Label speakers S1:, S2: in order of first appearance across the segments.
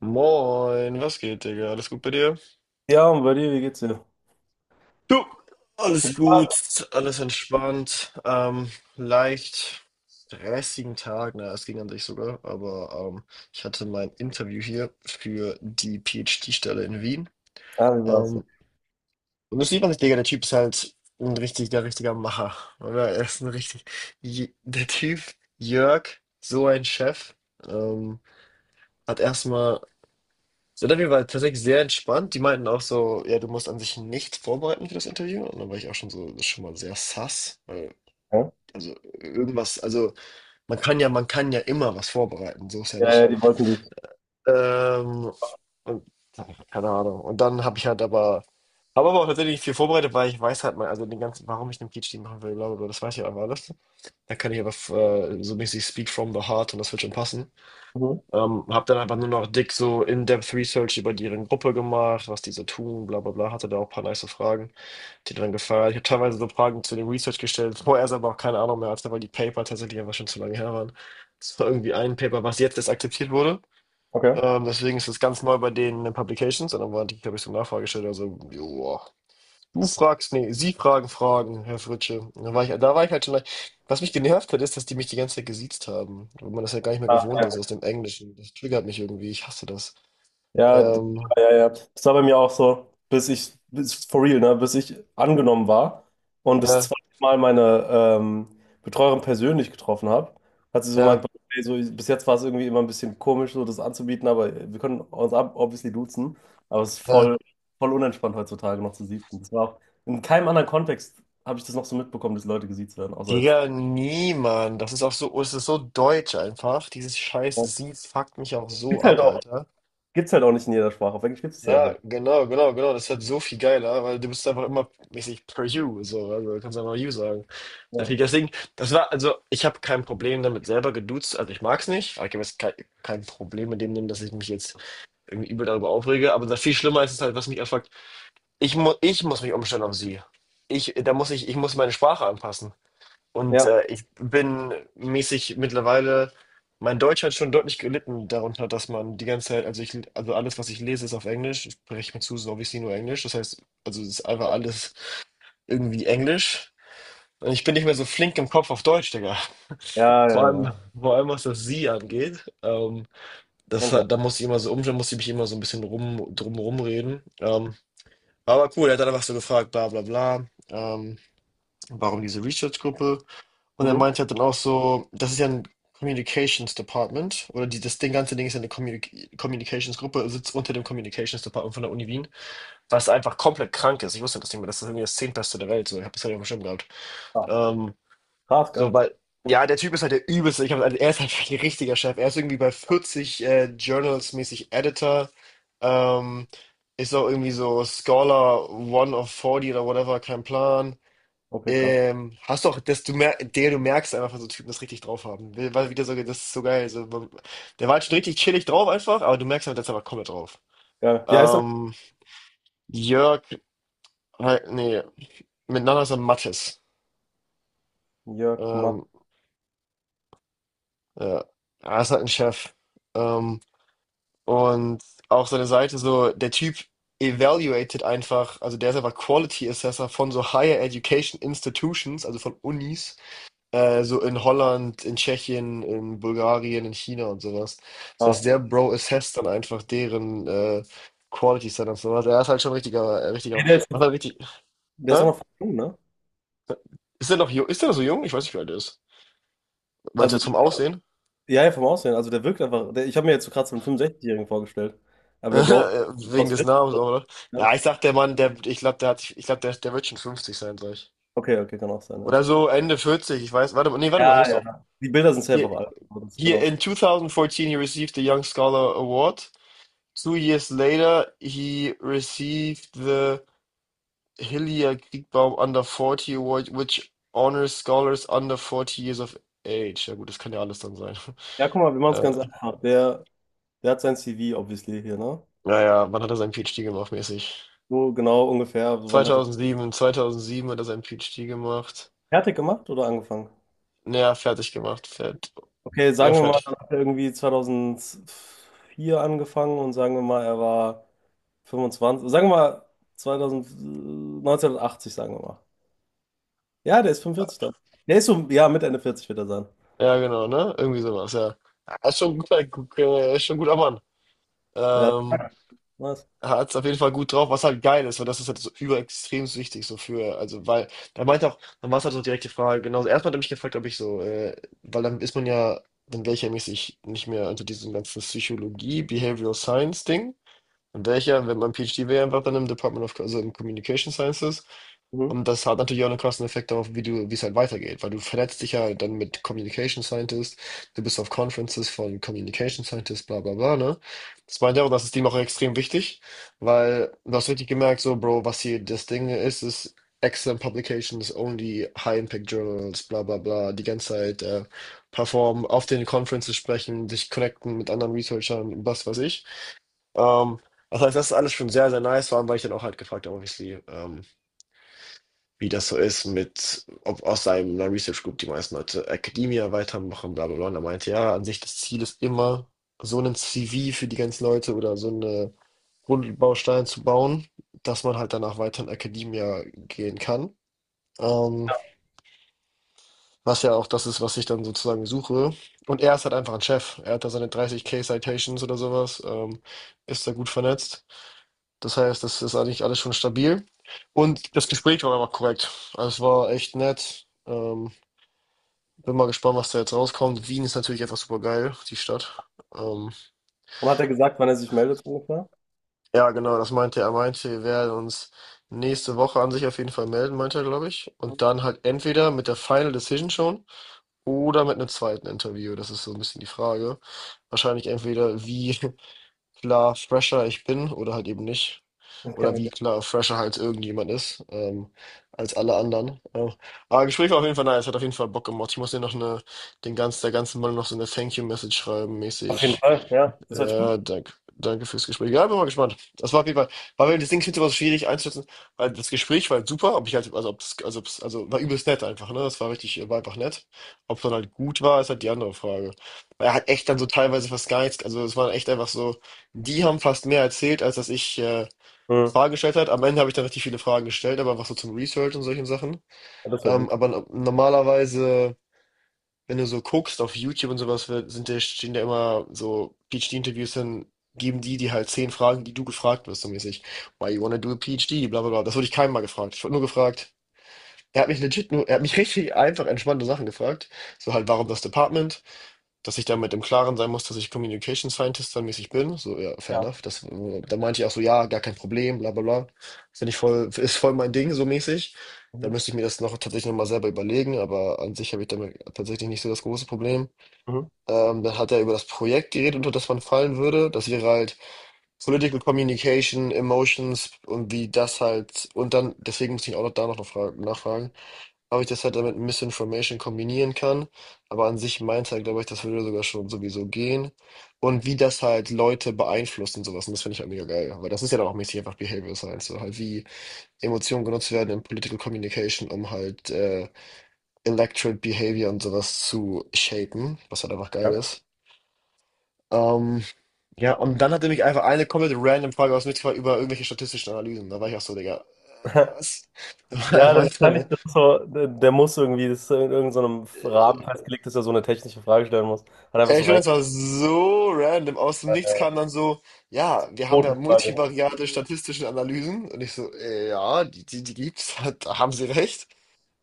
S1: Moin, was geht, Digga? Alles gut bei dir?
S2: Ja, und bei dir, wie geht's dir?
S1: Du, alles
S2: Ja,
S1: gut, alles entspannt, leicht stressigen Tag, na, es ging an sich sogar, aber ich hatte mein Interview hier für die PhD-Stelle in Wien.
S2: ah, wie war's?
S1: Ähm, und das sieht man nicht, Digga, der Typ ist halt ein richtiger, richtiger Macher, oder? Er ist ein richtig, der Typ, Jörg, so ein Chef, ähm, hat erstmal Interview war tatsächlich sehr entspannt. Die meinten auch so, ja, du musst an sich nichts vorbereiten für das Interview. Und dann war ich auch schon so, das ist schon mal sehr sass. Weil,
S2: Ja,
S1: also irgendwas, also man kann ja immer was vorbereiten, so ist ja
S2: ja,
S1: nicht.
S2: ja, die wollten dich.
S1: Ähm, und keine Ahnung. Und dann habe ich halt aber, habe aber auch tatsächlich viel vorbereitet, weil ich weiß halt mal, also den ganzen, warum ich einen PhD machen will, bla bla bla, das weiß ich einfach alles. Da kann ich aber so mäßig speak from the heart und das wird schon passen.
S2: Mhm.
S1: Habe dann einfach nur noch dick so In-Depth Research über deren Gruppe gemacht, was die so tun, bla bla bla. Hatte da auch ein paar nice Fragen, die dann gefallen. Ich habe teilweise so Fragen zu dem Research gestellt, vorher aber auch keine Ahnung mehr hatte, weil die Paper tatsächlich einfach schon zu lange her waren. Es war irgendwie ein Paper, was jetzt erst akzeptiert wurde.
S2: Okay.
S1: Deswegen ist es ganz neu bei denen in den Publications. Und dann war die, glaube ich, so eine Nachfrage gestellt, also, joa. Du fragst, nee, sie fragen Fragen, Herr Fritsche. Und da war ich, da war ich halt schon. Was mich genervt hat, ist, dass die mich die ganze Zeit gesiezt haben. Weil man das ja gar nicht mehr
S2: Ah.
S1: gewohnt ist aus dem Englischen. Das triggert mich irgendwie. Ich hasse das.
S2: Ja,
S1: Ähm,
S2: ja, ja, ja. Das war bei mir auch so, for real, ne, bis ich angenommen war und das
S1: ja,
S2: zweite Mal meine Betreuerin persönlich getroffen habe. Hat sie so
S1: ja,
S2: gemeint: "Ey, so, bis jetzt war es irgendwie immer ein bisschen komisch, so das anzubieten, aber wir können uns obviously duzen, aber es ist
S1: ja.
S2: voll, voll unentspannt heutzutage noch zu siezen. Das war auch, in keinem anderen Kontext habe ich das noch so mitbekommen, dass Leute gesiezt werden, außer jetzt."
S1: Digga, niemand. Das ist auch so, es ist so deutsch einfach. Dieses scheiß
S2: Ja.
S1: Sie fuckt mich auch so
S2: Ist halt
S1: ab,
S2: auch
S1: Alter.
S2: Gibt's halt auch nicht in jeder Sprache, auf Englisch gibt's es einfach.
S1: Ja, genau, genau, genau. Das ist halt so viel geiler, weil du bist einfach immer mäßig per you, so. Also, du kannst einfach you sagen. Der
S2: Ja,
S1: Flieger. Deswegen, das war, also ich habe kein Problem damit selber geduzt, also ich mag's nicht, aber ich habe jetzt kein Problem mit dem nehmen, dass ich mich jetzt irgendwie übel darüber aufrege, aber das viel schlimmer ist es halt, was mich erfragt, ich muss mich umstellen auf sie. Da muss ich muss meine Sprache anpassen. Und
S2: ja,
S1: ich bin mäßig mittlerweile, mein Deutsch hat schon deutlich gelitten darunter, dass man die ganze Zeit, also ich, also alles, was ich lese, ist auf Englisch, ich spreche mir zu, so wie ich sie nur Englisch, das heißt, also es ist einfach alles irgendwie Englisch. Und ich bin nicht mehr so flink im Kopf auf Deutsch, Digga.
S2: ja, ja,
S1: Vor allem,
S2: ja.
S1: vor allem was das Sie angeht, das,
S2: Man kennt.
S1: da muss ich immer so um, da muss ich mich immer so ein bisschen drum rumreden. Aber cool, er hat dann einfach so gefragt, bla bla bla, warum diese Research-Gruppe? Und er
S2: Mhm.
S1: meinte halt dann auch so, das ist ja ein Communications Department oder die, das Ding, ganze Ding ist ja eine Communications-Gruppe, sitzt unter dem Communications Department von der Uni Wien, was einfach komplett krank ist. Ich wusste das nicht mehr, das ist irgendwie das Zehntbeste der Welt, so, ich habe das ja nicht auf dem Schirm gehabt.
S2: Ah,
S1: Ähm,
S2: krass,
S1: so,
S2: geil.
S1: weil, ja, der Typ ist halt der übelste. Ich hab, also, er ist halt wirklich ein richtiger Chef. Er ist irgendwie bei 40 Journals mäßig Editor. Ähm, ist auch irgendwie so Scholar One of 40 oder whatever, kein Plan.
S2: Okay, krass.
S1: Hast doch, dass du merkst einfach, dass so Typen das richtig drauf haben. Weil wieder so, das ist so geil. So, der war halt schon richtig chillig drauf einfach, aber du merkst halt, dass er aber komplett drauf.
S2: Geil. Wie heißt er?
S1: Ähm, Jörg, halt, nee, miteinander ist er Mattes.
S2: Jörg Matt.
S1: Ähm, ja, er ist halt ein Chef. Ähm, Und auch seine Seite so, der Typ evaluated einfach, also der ist einfach Quality Assessor von so Higher Education Institutions, also von Unis, so in Holland, in Tschechien, in Bulgarien, in China und sowas. Das
S2: Ah.
S1: heißt, der Bro assesst dann einfach deren Quality Standards und sowas. Er ist halt schon ein richtiger, richtiger,
S2: Ja, der ist,
S1: macht halt richtig,
S2: der ist auch
S1: hä?
S2: noch voll jung, ne?
S1: Ist der noch jung? Ist der noch so jung? Ich weiß nicht, wie alt er ist. Meinst du
S2: Also,
S1: jetzt vom Aussehen?
S2: ja, ja, vom Aussehen. Also, der wirkt einfach. Ich habe mir jetzt so gerade so einen 65-Jährigen vorgestellt. Aber der Bro ist...
S1: Wegen
S2: aus
S1: des
S2: 40,
S1: Namens, auch, oder?
S2: ja.
S1: Ja, ich sag, der Mann, der, ich glaube, der hat, ich glaube, der wird schon 50 sein, sag ich.
S2: Okay, okay, kann auch sein, ja.
S1: Oder so Ende 40, ich weiß. Warte mal, nee, warte mal, hier
S2: Ja,
S1: ist doch.
S2: ja. Die Bilder sind safe
S1: Hier,
S2: auch alt, aber das kann
S1: hier
S2: auch sein.
S1: in 2014 he received the Young Scholar Award. Two years later he received the Hillier Kriegbaum Under 40 Award, which honors scholars under 40 years of age. Ja gut, das kann ja alles dann sein.
S2: Ja, guck mal, wir machen es ganz
S1: Äh,
S2: einfach. Der hat sein CV, obviously, hier, ne?
S1: naja, wann hat er seinen PhD gemacht, mäßig?
S2: So genau ungefähr. So, wann hat er
S1: 2007, 2007 hat er seinen PhD gemacht.
S2: fertig gemacht oder angefangen?
S1: Naja, fertig gemacht. Fert
S2: Okay,
S1: ja,
S2: sagen wir mal, dann
S1: fertig.
S2: hat er irgendwie 2004 angefangen und sagen wir mal, er war 25, sagen wir mal 2000, 1980, sagen wir mal. Ja, der ist 45 dann. Der ist so, ja, mit Ende 40 wird er sein.
S1: Ja, genau, ne? Irgendwie sowas, ja. Er ist schon ein guter, ist schon ein guter Mann.
S2: Ja,
S1: Ähm,
S2: nice.
S1: er hat es auf jeden Fall gut drauf, was halt geil ist, weil das ist halt so überextrem wichtig, so für, also, weil, er meinte auch, dann war es halt so direkte Frage, genau also erstmal hat er mich gefragt, ob ich so, weil dann ist man ja, dann wäre ich ja mäßig nicht mehr unter diesem ganzen Psychologie, Behavioral Science Ding und wäre ich ja, wenn mein PhD wäre einfach dann im Department of, also im Communication Sciences.
S2: Mhm.
S1: Und das hat natürlich auch einen krassen Effekt darauf, wie du, wie es halt weitergeht, weil du vernetzt dich ja dann mit Communication Scientists, du bist auf Conferences von Communication Scientists, bla bla bla, ne? Das meint er auch, das ist dem auch extrem wichtig, weil du hast richtig gemerkt, so, Bro, was hier das Ding ist, ist excellent publications, only high impact journals, bla bla bla, die ganze Zeit performen, auf den Conferences sprechen, dich connecten mit anderen Researchern, was weiß ich. Ähm, das heißt, das ist alles schon sehr, sehr nice, vor allem, weil ich dann auch halt gefragt habe, obviously, wie das so ist mit, ob aus seinem einer Research Group die meisten Leute Academia weitermachen, bla bla bla. Und er meinte, ja, an sich das Ziel ist immer, so einen CV für die ganzen Leute oder so eine Grundbaustein zu bauen, dass man halt danach weiter in Academia gehen kann. Ähm, was ja auch das ist, was ich dann sozusagen suche. Und er ist halt einfach ein Chef. Er hat da seine 30K Citations oder sowas, ist da gut vernetzt. Das heißt, das ist eigentlich alles schon stabil. Und das Gespräch war aber korrekt. Also es war echt nett. Bin mal gespannt, was da jetzt rauskommt. Wien ist natürlich einfach super geil, die Stadt. Ähm,
S2: Und hat er gesagt, wann er sich meldet, so ungefähr?
S1: ja, genau, das meinte er. Er meinte, wir werden uns nächste Woche an sich auf jeden Fall melden, meinte er, glaube ich. Und dann halt entweder mit der Final Decision schon oder mit einem zweiten Interview. Das ist so ein bisschen die Frage. Wahrscheinlich entweder wie klar fresher ich bin oder halt eben nicht.
S2: Okay,
S1: Oder wie
S2: okay.
S1: klar fresher halt irgendjemand ist, als alle anderen. Aber Gespräch war auf jeden Fall nice, hat auf jeden Fall Bock gemacht. Ich muss dir noch eine, den ganz, der ganzen Mann noch so eine Thank You-Message schreiben,
S2: Auf jeden
S1: mäßig.
S2: Fall, ja. Das hört sich gut
S1: Ja, danke. Danke fürs Gespräch. Ja, bin mal gespannt. Das war auf jeden Fall, war mir das Ding ich find's immer so schwierig einzuschätzen, weil das Gespräch war halt super, ob ich halt, also ob das, also, also war übelst nett einfach, ne? Das war richtig, war einfach nett. Ob es dann halt gut war, ist halt die andere Frage. Weil er hat echt dann so teilweise fast gar nichts, also es war echt einfach so, die haben fast mehr erzählt, als dass ich
S2: an. Mhm.
S1: Fragen gestellt hat. Am Ende habe ich dann richtig viele Fragen gestellt, aber was so zum Research und solchen Sachen.
S2: Ja, das wäre
S1: Ähm,
S2: gut.
S1: aber normalerweise, wenn du so guckst auf YouTube und sowas, stehen da immer so PhD-Interviews, dann geben die dir halt 10 Fragen, die du gefragt wirst, so mäßig. Why you wanna do a PhD? Bla bla bla. Das wurde ich keinem mal gefragt. Ich wurde nur gefragt. Er hat mich legit nur, er hat mich richtig einfach entspannte Sachen gefragt. So halt, warum das Department? Dass ich damit im Klaren sein muss, dass ich Communication Scientist dann mäßig bin. So, ja, fair
S2: Ja.
S1: enough. Da meinte ich auch so, ja, gar kein Problem, bla bla bla. Finde ich voll, ist voll mein Ding, so mäßig. Da
S2: Mhm.
S1: müsste ich mir das noch tatsächlich nochmal selber überlegen, aber an sich habe ich damit tatsächlich nicht so das große Problem.
S2: Mhm.
S1: Dann hat er über das Projekt geredet, unter das man fallen würde. Das wäre halt Political Communication, Emotions und wie das halt, und dann, deswegen muss ich auch noch da noch nachfragen, ob ich das halt damit Misinformation kombinieren kann. Aber an sich meinte er, glaube ich, das würde sogar schon sowieso gehen. Und wie das halt Leute beeinflusst und sowas. Und das finde ich halt mega geil. Weil das ist ja dann auch mäßig einfach Behavioral Science. So halt wie Emotionen genutzt werden in Political Communication, um halt Electorate Behavior und sowas zu shapen. Was halt einfach geil
S2: Ja,
S1: ist. Ähm, ja, und dann hat er mich einfach eine komplett random Frage aus dem Nichts gefragt über irgendwelche statistischen Analysen. Da war ich auch so, Digga, was? Er
S2: ja,
S1: meinte dann:
S2: wahrscheinlich, das ist so, der muss irgendwie, das ist in irgendeinem Rahmen festgelegt, dass er so eine technische Frage stellen muss. Hat einfach
S1: Ey,
S2: so
S1: ich finde,
S2: rein.
S1: das war so random. Aus dem Nichts kam dann so, ja, wir haben ja
S2: Quotenfrage.
S1: multivariate statistische Analysen. Und ich so, ja, die gibt's, da haben Sie recht.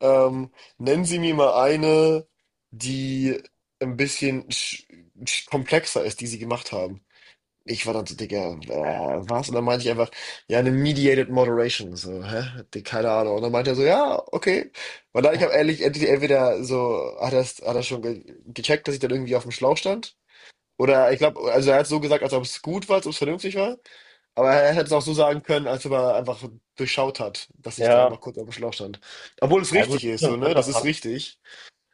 S1: Ähm, nennen Sie mir mal eine, die ein bisschen sch sch komplexer ist, die Sie gemacht haben. Ich war dann so, Digga, was? Und dann meinte ich einfach, ja, eine Mediated Moderation. So, hä? Keine Ahnung. Und dann meinte er so, ja, okay. Weil dann, ich habe ehrlich, entweder so, hat er schon ge gecheckt, dass ich dann irgendwie auf dem Schlauch stand. Oder ich glaube, also er hat so gesagt, als ob es gut war, als ob es vernünftig war. Aber er hätte es auch so sagen können, als ob er einfach durchschaut hat, dass ich da
S2: Ja,
S1: einfach kurz auf dem Schlauch stand. Obwohl es
S2: ja gut,
S1: richtig ist,
S2: wird
S1: so,
S2: wird
S1: ne? Das
S2: schon
S1: ist
S2: passen.
S1: richtig.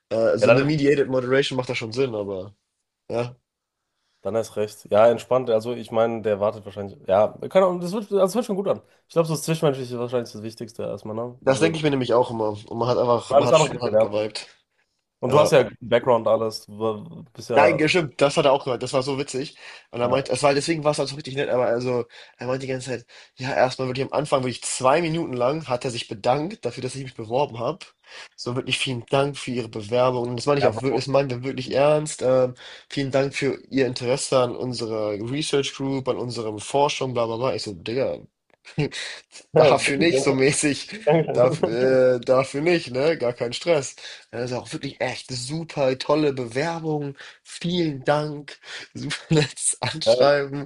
S2: Ja,
S1: Also eine Mediated Moderation macht da schon Sinn, aber ja.
S2: dann ist recht. Ja, entspannt. Also ich meine, der wartet wahrscheinlich. Ja, kann Ahnung, das hört schon gut an. Ich glaube, so das Zwischenmenschliche ist wahrscheinlich das Wichtigste erstmal, ne?
S1: Das denke
S2: So,
S1: ich mir nämlich auch immer. Und man hat einfach, man
S2: alles
S1: hat,
S2: andere
S1: man
S2: kannst du
S1: hat
S2: lernen.
S1: geweibt.
S2: Und du hast
S1: Ja.
S2: ja guten Background, alles. Du bist
S1: Nein,
S2: ja.
S1: gestimmt, das hat er auch gehört. Das war so witzig. Und er
S2: Ja,
S1: meint, es war, deswegen war es halt so richtig nett, aber also, er meint die ganze Zeit, ja, erstmal wirklich am Anfang, wirklich zwei Minuten lang, hat er sich bedankt dafür, dass ich mich beworben habe. So wirklich vielen Dank für Ihre Bewerbung. Und das meine ich
S2: ja
S1: auch
S2: Bro.
S1: wirklich, das meinen wir wirklich
S2: Ja,
S1: ernst. Vielen Dank für Ihr Interesse an unserer Research Group, an unserem Forschung, bla bla bla. Ich so, Digga, dafür nicht,
S2: Dankeschön.
S1: so mäßig.
S2: Dankeschön.
S1: Dafür, dafür nicht, ne? Gar kein Stress. Ja, das ist auch wirklich echt super tolle Bewerbung. Vielen Dank. Super nettes
S2: Ja,
S1: Anschreiben.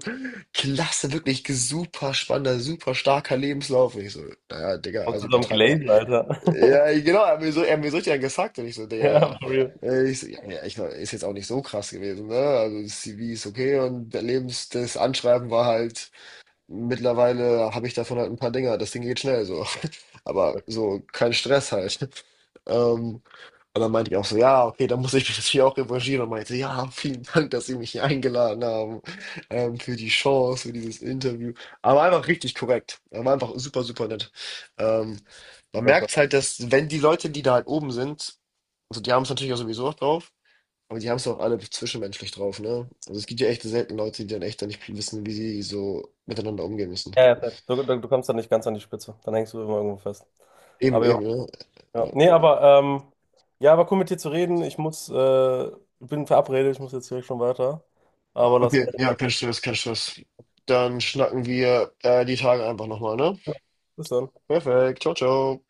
S1: Klasse, wirklich super spannender, super starker Lebenslauf. Und ich so, naja, Digga,
S2: kommst
S1: also
S2: du zum
S1: übertreib mal.
S2: Glazen, Alter.
S1: Ja, genau, er hat mir so richtig einen gesagt. Und ich so, Digga,
S2: Ja, for real.
S1: ich, so, ich war, ist jetzt auch nicht so krass gewesen, ne? Also das CV ist okay und der Lebens, das Anschreiben war halt. Mittlerweile habe ich davon halt ein paar Dinger. Das Ding geht schnell so. Aber so kein Stress halt. Ähm, und dann meinte ich auch so, ja, okay, dann muss ich mich natürlich auch revanchieren. Und meinte, ja, vielen Dank, dass Sie mich hier eingeladen haben, für die Chance, für dieses Interview. Aber einfach richtig korrekt. Er war einfach super, super nett. Ähm, man
S2: Super
S1: merkt
S2: stark.
S1: halt, dass wenn die Leute, die da halt oben sind, also die haben es natürlich auch sowieso auch drauf, aber die haben es auch alle zwischenmenschlich drauf, ne? Also es gibt ja echt selten Leute, die dann echt dann nicht wissen, wie sie so miteinander umgehen müssen.
S2: Ja, ja, fett. Du kommst dann nicht ganz an die Spitze. Dann hängst du immer irgendwo fest.
S1: Eben,
S2: Aber
S1: eben, ne?
S2: ja.
S1: Ja.
S2: Nee, aber ja, war cool mit dir zu reden. Ich muss, bin verabredet, ich muss jetzt direkt schon weiter. Aber lass
S1: Okay,
S2: gerne.
S1: ja, kein Stress, kein Stress. Dann schnacken wir die Tage einfach nochmal, ne?
S2: Bis dann.
S1: Perfekt, ciao, ciao.